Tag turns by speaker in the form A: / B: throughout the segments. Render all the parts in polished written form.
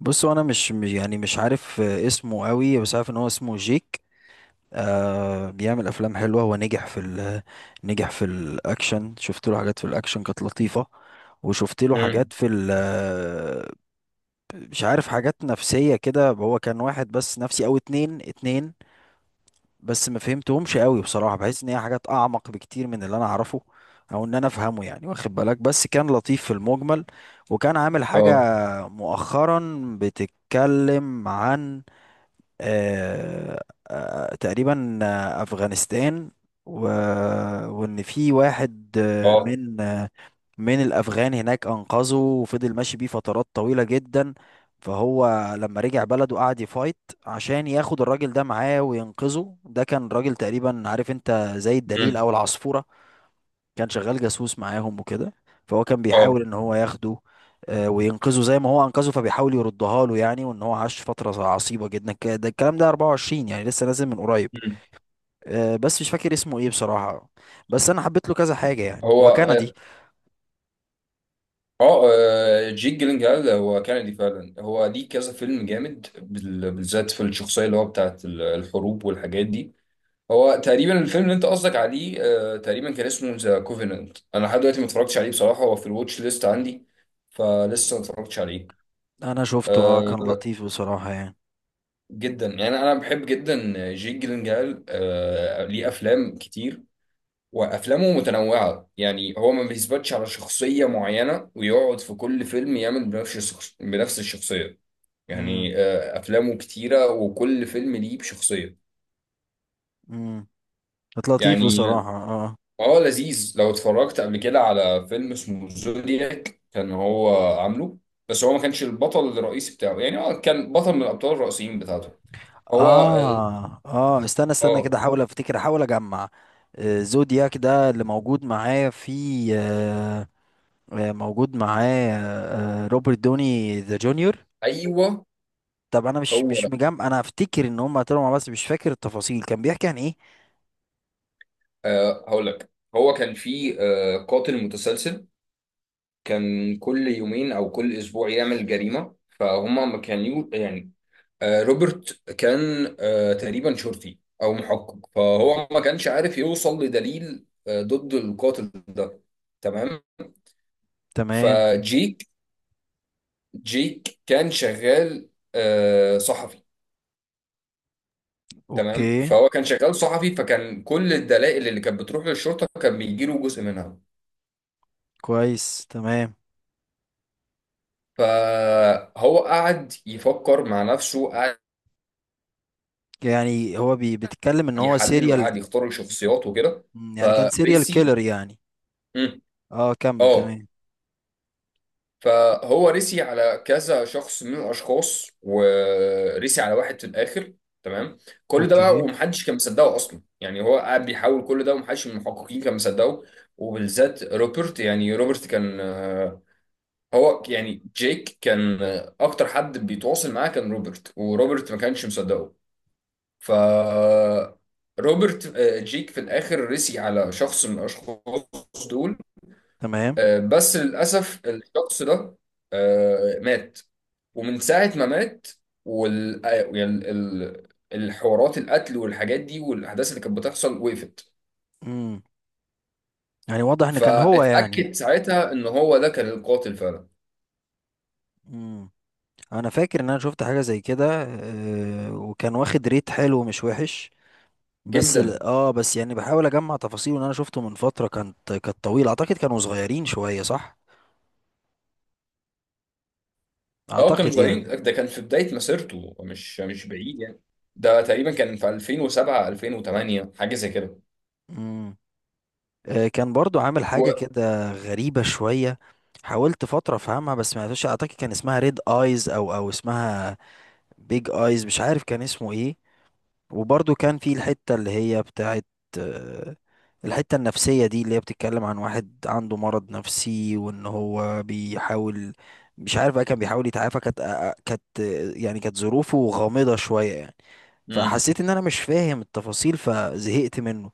A: بص هو انا يعني مش عارف، اسمه قوي بس عارف ان هو اسمه جيك. آه، بيعمل افلام حلوه. هو نجح في الاكشن. شفت له حاجات في الاكشن كانت لطيفه، وشفت له
B: امم.
A: حاجات في ال آه، مش عارف، حاجات نفسيه كده. هو كان واحد بس نفسي او اتنين بس ما فهمتهمش قوي بصراحه. بحس ان هي حاجات اعمق بكتير من اللي انا اعرفه او ان انا افهمه، يعني واخد بالك، بس كان لطيف في المجمل. وكان عامل حاجه
B: اه.
A: مؤخرا بتتكلم عن، آه، آه، تقريبا آه، أفغانستان و... وإن في واحد
B: اه.
A: من من الأفغان هناك أنقذه وفضل ماشي بيه فترات طويلة جدا. فهو لما رجع بلده قعد يفايت عشان ياخد الراجل ده معاه وينقذه. ده كان راجل تقريبا، عارف انت، زي الدليل
B: امم.
A: أو العصفورة، كان شغال جاسوس معاهم وكده. فهو كان بيحاول
B: اه.
A: ان هو ياخده وينقذه زي ما هو انقذه، فبيحاول يردها له يعني. وان هو عاش فترة عصيبة جدا، ده الكلام ده 24 يعني، لسه نازل من قريب.
B: امم.
A: بس مش فاكر اسمه ايه بصراحة. بس انا حبيت له كذا حاجة، يعني
B: هو
A: هو كندي.
B: جيك جيلنهال هو كندي فعلا. هو ليه كذا فيلم جامد بالذات في الشخصيه اللي هو بتاعت الحروب والحاجات دي. هو تقريبا الفيلم اللي انت قصدك عليه. تقريبا كان اسمه ذا كوفيننت. انا لحد دلوقتي ما اتفرجتش عليه بصراحه، هو في الواتش ليست عندي، فلسه ما اتفرجتش عليه.
A: انا شفته، اه، كان
B: آه،
A: لطيف بصراحة يعني.
B: جدا، يعني انا بحب جدا جيك جيلنهال. ليه افلام كتير، وافلامه متنوعه. يعني هو ما بيثبتش على شخصيه معينه، ويقعد في كل فيلم يعمل بنفس الشخصيه.
A: امم.
B: يعني افلامه كتيره وكل فيلم ليه بشخصيه.
A: امم. كانت لطيف
B: يعني
A: بصراحة، اه.
B: اه، لذيذ. لو اتفرجت قبل كده على فيلم اسمه زودياك، كان هو عامله، بس هو ما كانش البطل الرئيسي بتاعه. يعني هو كان بطل من الابطال الرئيسيين بتاعته. هو اه.
A: اه استنى، استنى
B: آه،
A: كده، احاول افتكر، احاول اجمع. زودياك ده اللي موجود معايا في، موجود معاه روبرت دوني ذا جونيور.
B: ايوه،
A: طب انا مش
B: هو
A: مش
B: ده.
A: مجمع، انا افتكر ان هم طلعوا مع بعض بس مش فاكر التفاصيل، كان بيحكي عن ايه؟
B: هقول لك. هو كان في قاتل متسلسل كان كل يومين او كل اسبوع يعمل جريمه، فهم ما كانوا يعني. روبرت كان تقريبا شرطي او محقق، فهو ما كانش عارف يوصل لدليل ضد القاتل ده. تمام.
A: تمام.
B: فجيك جيك كان شغال صحفي. تمام.
A: اوكي.
B: فهو كان شغال صحفي، فكان كل الدلائل اللي كانت بتروح للشرطه كان بيجيله جزء منها.
A: كويس، تمام.
B: فهو قعد يفكر مع نفسه، قعد
A: يعني هو بيتكلم ان هو
B: يحلل
A: سيريال،
B: وقعد يختار الشخصيات وكده.
A: يعني كان سيريال
B: فريسي.
A: كيلر يعني.
B: مم.
A: اه، كمل.
B: اه.
A: تمام.
B: فهو ريسي على كذا شخص من الاشخاص، وريسي على واحد في الاخر. تمام. كل ده بقى
A: اوكي.
B: ومحدش كان مصدقه اصلا، يعني هو قاعد بيحاول كل ده ومحدش من المحققين كان مصدقه، وبالذات روبرت. يعني روبرت كان هو يعني جيك كان اكتر حد بيتواصل معاه كان روبرت، وروبرت ما كانش مصدقه. ف، روبرت، جيك في الاخر رسي على شخص من الاشخاص دول.
A: تمام.
B: بس للاسف الشخص ده مات. ومن ساعة ما مات وال آه، يعني الحوارات، القتل والحاجات دي والأحداث اللي كانت بتحصل وقفت.
A: امم. يعني واضح ان كان هو يعني.
B: فاتأكد ساعتها إن هو ده كان القاتل فعلا.
A: امم. انا فاكر ان انا شفت حاجة زي كده، وكان واخد ريت حلو مش وحش. بس
B: جدا.
A: ال... اه، بس يعني بحاول اجمع تفاصيل، ان انا شفته من فترة كانت طويلة. اعتقد كانوا صغيرين شوية، صح؟
B: اه، كانوا
A: اعتقد
B: صغيرين،
A: يعني.
B: ده كان في بداية مسيرته، مش بعيد يعني. ده تقريبا كان في 2007 2008، حاجة زي كده.
A: امم. آه، كان برضو عامل حاجة كده غريبة شوية، حاولت فترة افهمها بس ما عرفتش. اعتقد كان اسمها ريد ايز او اسمها بيج ايز، مش عارف كان اسمه ايه. وبرضو كان في الحتة اللي هي بتاعت، آه، الحتة النفسية دي، اللي هي بتتكلم عن واحد عنده مرض نفسي وان هو بيحاول، مش عارف بقى، كان بيحاول يتعافى. كانت آه، آه، كانت آه، يعني كانت ظروفه غامضة شوية يعني.
B: و...
A: فحسيت ان انا مش فاهم التفاصيل فزهقت منه.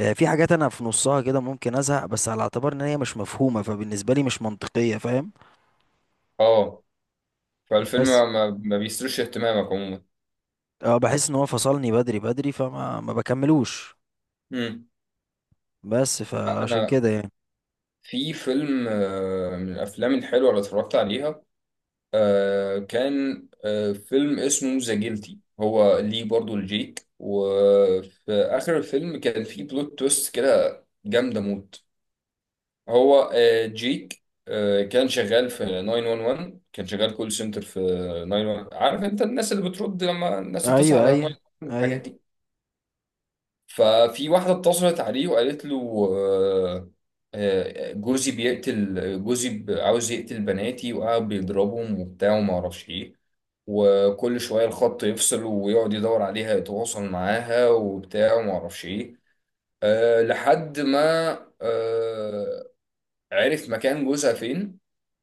A: في حاجات انا في نصها كده ممكن ازهق، بس على اعتبار ان هي مش مفهومة، فبالنسبة لي مش منطقية، فاهم.
B: اه. فالفيلم
A: بس
B: ما بيثيرش اهتمامك عموما.
A: اه، بحس ان هو فصلني بدري فما ما بكملوش،
B: امم.
A: بس
B: لا
A: فعشان
B: انا،
A: كده يعني.
B: في فيلم من الافلام الحلوه اللي اتفرجت عليها كان فيلم اسمه ذا جيلتي. هو ليه برضو الجيك، وفي اخر الفيلم كان في بلوت تويست كده جامده موت. هو جيك كان شغال في 911. كان شغال كول سنتر في 911. عارف انت الناس اللي بترد لما الناس بتصحى
A: ايوه،
B: على
A: ايوه،
B: 911، الحاجات
A: ايوه.
B: دي. ففي واحدة اتصلت عليه وقالت له جوزي عاوز يقتل بناتي وقاعد بيضربهم وبتاع وما اعرفش ايه. وكل شوية الخط يفصل ويقعد يدور عليها يتواصل معاها وبتاع وما اعرفش ايه. لحد ما آه، عرف مكان جوزها فين،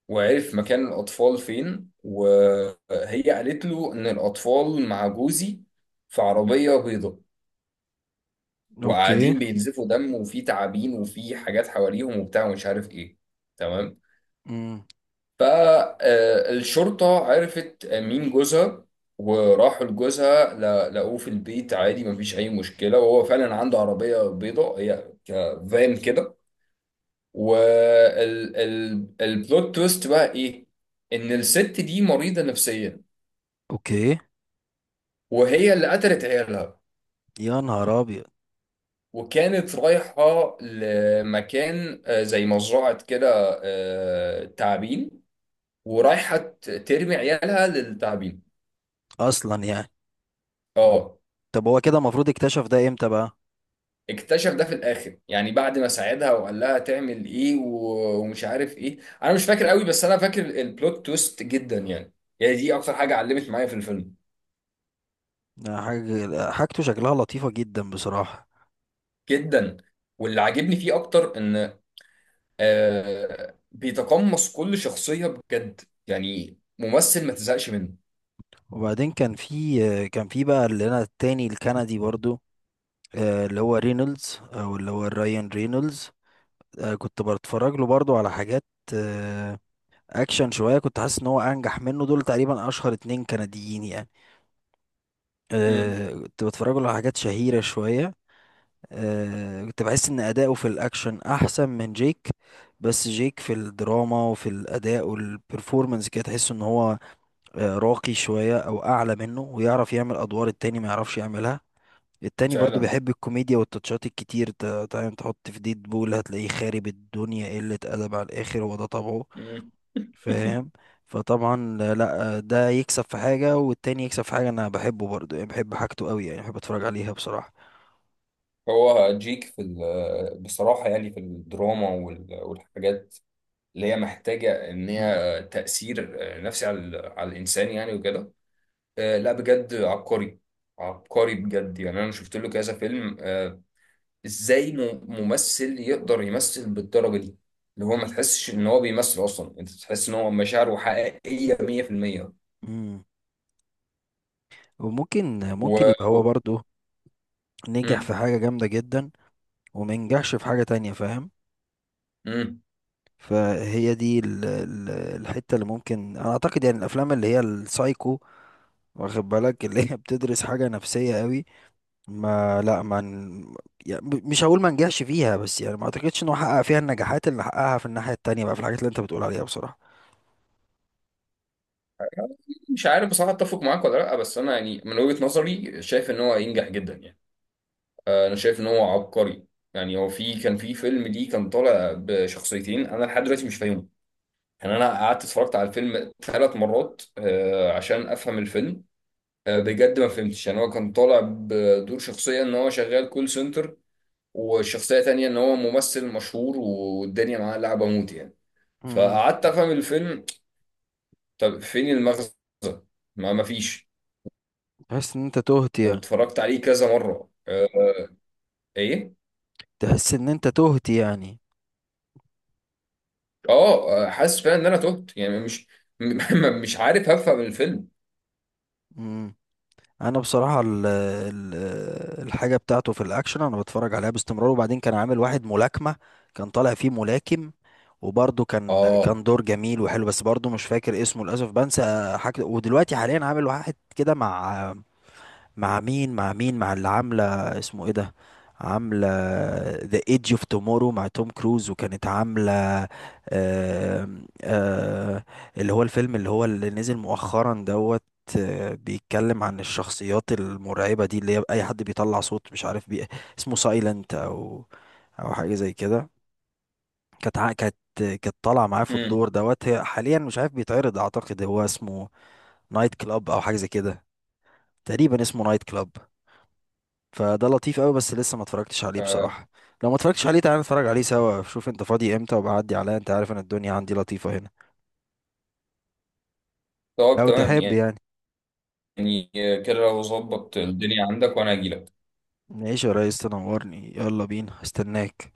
B: وعرف مكان الأطفال فين. وهي قالت له إن الأطفال مع جوزي في عربية بيضاء،
A: اوكي.
B: وقاعدين بينزفوا دم وفي تعابين وفي حاجات حواليهم وبتاع ومش عارف ايه. تمام.
A: امم.
B: فالشرطة عرفت مين جوزها، وراحوا لجوزها لقوه في البيت عادي، مفيش أي مشكلة. وهو فعلا عنده عربية بيضاء، هي كفان كده. والبلوت تويست بقى إيه؟ إن الست دي مريضة نفسيا،
A: اوكي.
B: وهي اللي قتلت عيالها،
A: يا نهار ابيض!
B: وكانت رايحة لمكان زي مزرعة كده تعابين، ورايحة ترمي عيالها للتعابين.
A: اصلا يعني.
B: اه.
A: طب هو كده المفروض اكتشف ده امتى بقى؟
B: اكتشف ده في الاخر، يعني بعد ما ساعدها وقال لها تعمل ايه ومش عارف ايه. انا مش فاكر قوي، بس انا فاكر البلوت تويست جدا يعني. يعني دي اكتر حاجة علمت معايا في الفيلم.
A: ده حاجة، حاجته شكلها لطيفة جدا بصراحة.
B: جدا. واللي عاجبني فيه اكتر ان بيتقمص كل شخصية بجد، يعني ممثل ما تزهقش منه.
A: وبعدين كان في، كان في بقى اللي انا التاني الكندي برضو، اللي هو رينولدز، او اللي هو رايان رينولدز. كنت بتفرج له برضو على حاجات آه، اكشن شوية. كنت حاسس ان هو انجح منه. دول تقريبا اشهر اتنين كنديين يعني.
B: امم.
A: كنت بتفرج له على حاجات شهيرة شوية. كنت بحس ان اداؤه في الاكشن احسن من جيك، بس جيك في الدراما وفي الاداء والبرفورمانس كده تحس ان هو راقي شويه او اعلى منه، ويعرف يعمل ادوار التاني ما يعرفش يعملها. التاني برضو
B: فعلا.
A: بيحب الكوميديا والتاتشات الكتير، تعالى تحط في ديد بول هتلاقيه خارب الدنيا، قلة أدب على الآخر، هو ده طبعه.
B: مم.
A: فاهم. فطبعا، لا، ده يكسب في حاجة والتاني يكسب في حاجة. أنا بحبه برضو يعني، بحب حاجته قوي يعني، بحب أتفرج عليها بصراحة.
B: هو جيك في بصراحة، يعني في الدراما والحاجات اللي هي محتاجة إن
A: مم.
B: هي تأثير نفسي على على الإنسان يعني وكده. لا بجد عبقري. عبقري بجد، يعني أنا شفت له كذا فيلم. إزاي ممثل يقدر يمثل بالدرجة دي؟ اللي هو ما تحسش إن هو بيمثل أصلا. أنت تحس إن هو مشاعره حقيقية 100%.
A: مم. وممكن
B: و...
A: ممكن يبقى هو
B: و...
A: برضو نجح في
B: مم.
A: حاجة جامدة جدا ومنجحش في حاجة تانية، فاهم.
B: مم.
A: فهي دي الحتة اللي ممكن انا اعتقد، يعني الافلام اللي هي السايكو، واخد بالك، اللي هي بتدرس حاجة نفسية قوي. ما لا ما ن- يعني مش هقول ما نجحش فيها، بس يعني ما اعتقدش انه حقق فيها النجاحات اللي حققها في الناحية التانية بقى، في الحاجات اللي انت بتقول عليها بصراحة.
B: مش عارف بصراحة أتفق معاك ولا لأ، بس أنا يعني من وجهة نظري شايف إن هو ينجح جدا يعني. انا شايف ان هو عبقري. يعني هو كان في فيلم ليه كان طالع بشخصيتين، انا لحد دلوقتي مش فاهمهم. يعني انا قعدت اتفرجت على الفيلم 3 مرات عشان افهم الفيلم. بجد ما فهمتش، يعني هو كان طالع بدور شخصية ان هو شغال كول سنتر، والشخصية تانية ان هو ممثل مشهور والدنيا معاه لعبة موت يعني.
A: امم.
B: فقعدت افهم الفيلم، طب فين المغزى؟ ما فيش.
A: تحس ان انت تهت يعني.
B: واتفرجت عليه كذا مرة. ايه.
A: تحس ان انت تهت يعني.
B: اه. حاسس فعلا ان انا تهت يعني، مش مش عارف هفهم الفيلم.
A: مم. انا بصراحه ال ال الحاجه بتاعته في الاكشن انا بتفرج عليها باستمرار. وبعدين كان عامل واحد ملاكمه، كان طالع فيه ملاكم، وبرضه كان
B: اه.
A: دور جميل وحلو، بس برضه مش فاكر اسمه للاسف، بنسى حاجه. ودلوقتي حاليا عامل واحد كده مع، مع مين، مع اللي عاملة، اسمه ايه ده، عاملة The Edge of Tomorrow مع توم كروز. وكانت عاملة، آه، آه، اللي هو الفيلم اللي هو اللي نزل مؤخرا دوت، بيتكلم عن الشخصيات المرعبة دي اللي هي أي حد بيطلع صوت، مش عارف بي، اسمه سايلنت أو أو حاجة زي كده. كانت كانت طالعة معاه في الدور
B: امم.
A: دوت. هي حاليا مش عارف بيتعرض، أعتقد هو اسمه نايت كلاب أو حاجة زي كده، تقريبا اسمه نايت كلاب. فده لطيف قوي بس لسه ما اتفرجتش عليه
B: آه،
A: بصراحة. لو ما اتفرجتش عليه، تعالى نتفرج عليه سوا، شوف انت فاضي امتى وبعدي عليا، انت عارف ان الدنيا عندي لطيفة هنا،
B: طب
A: لو تحب
B: تمام.
A: يعني.
B: يعني كده لو ظبط الدنيا عندك وانا هجيلك
A: نعيش يا ريس، تنورني، يلا بينا، استناك.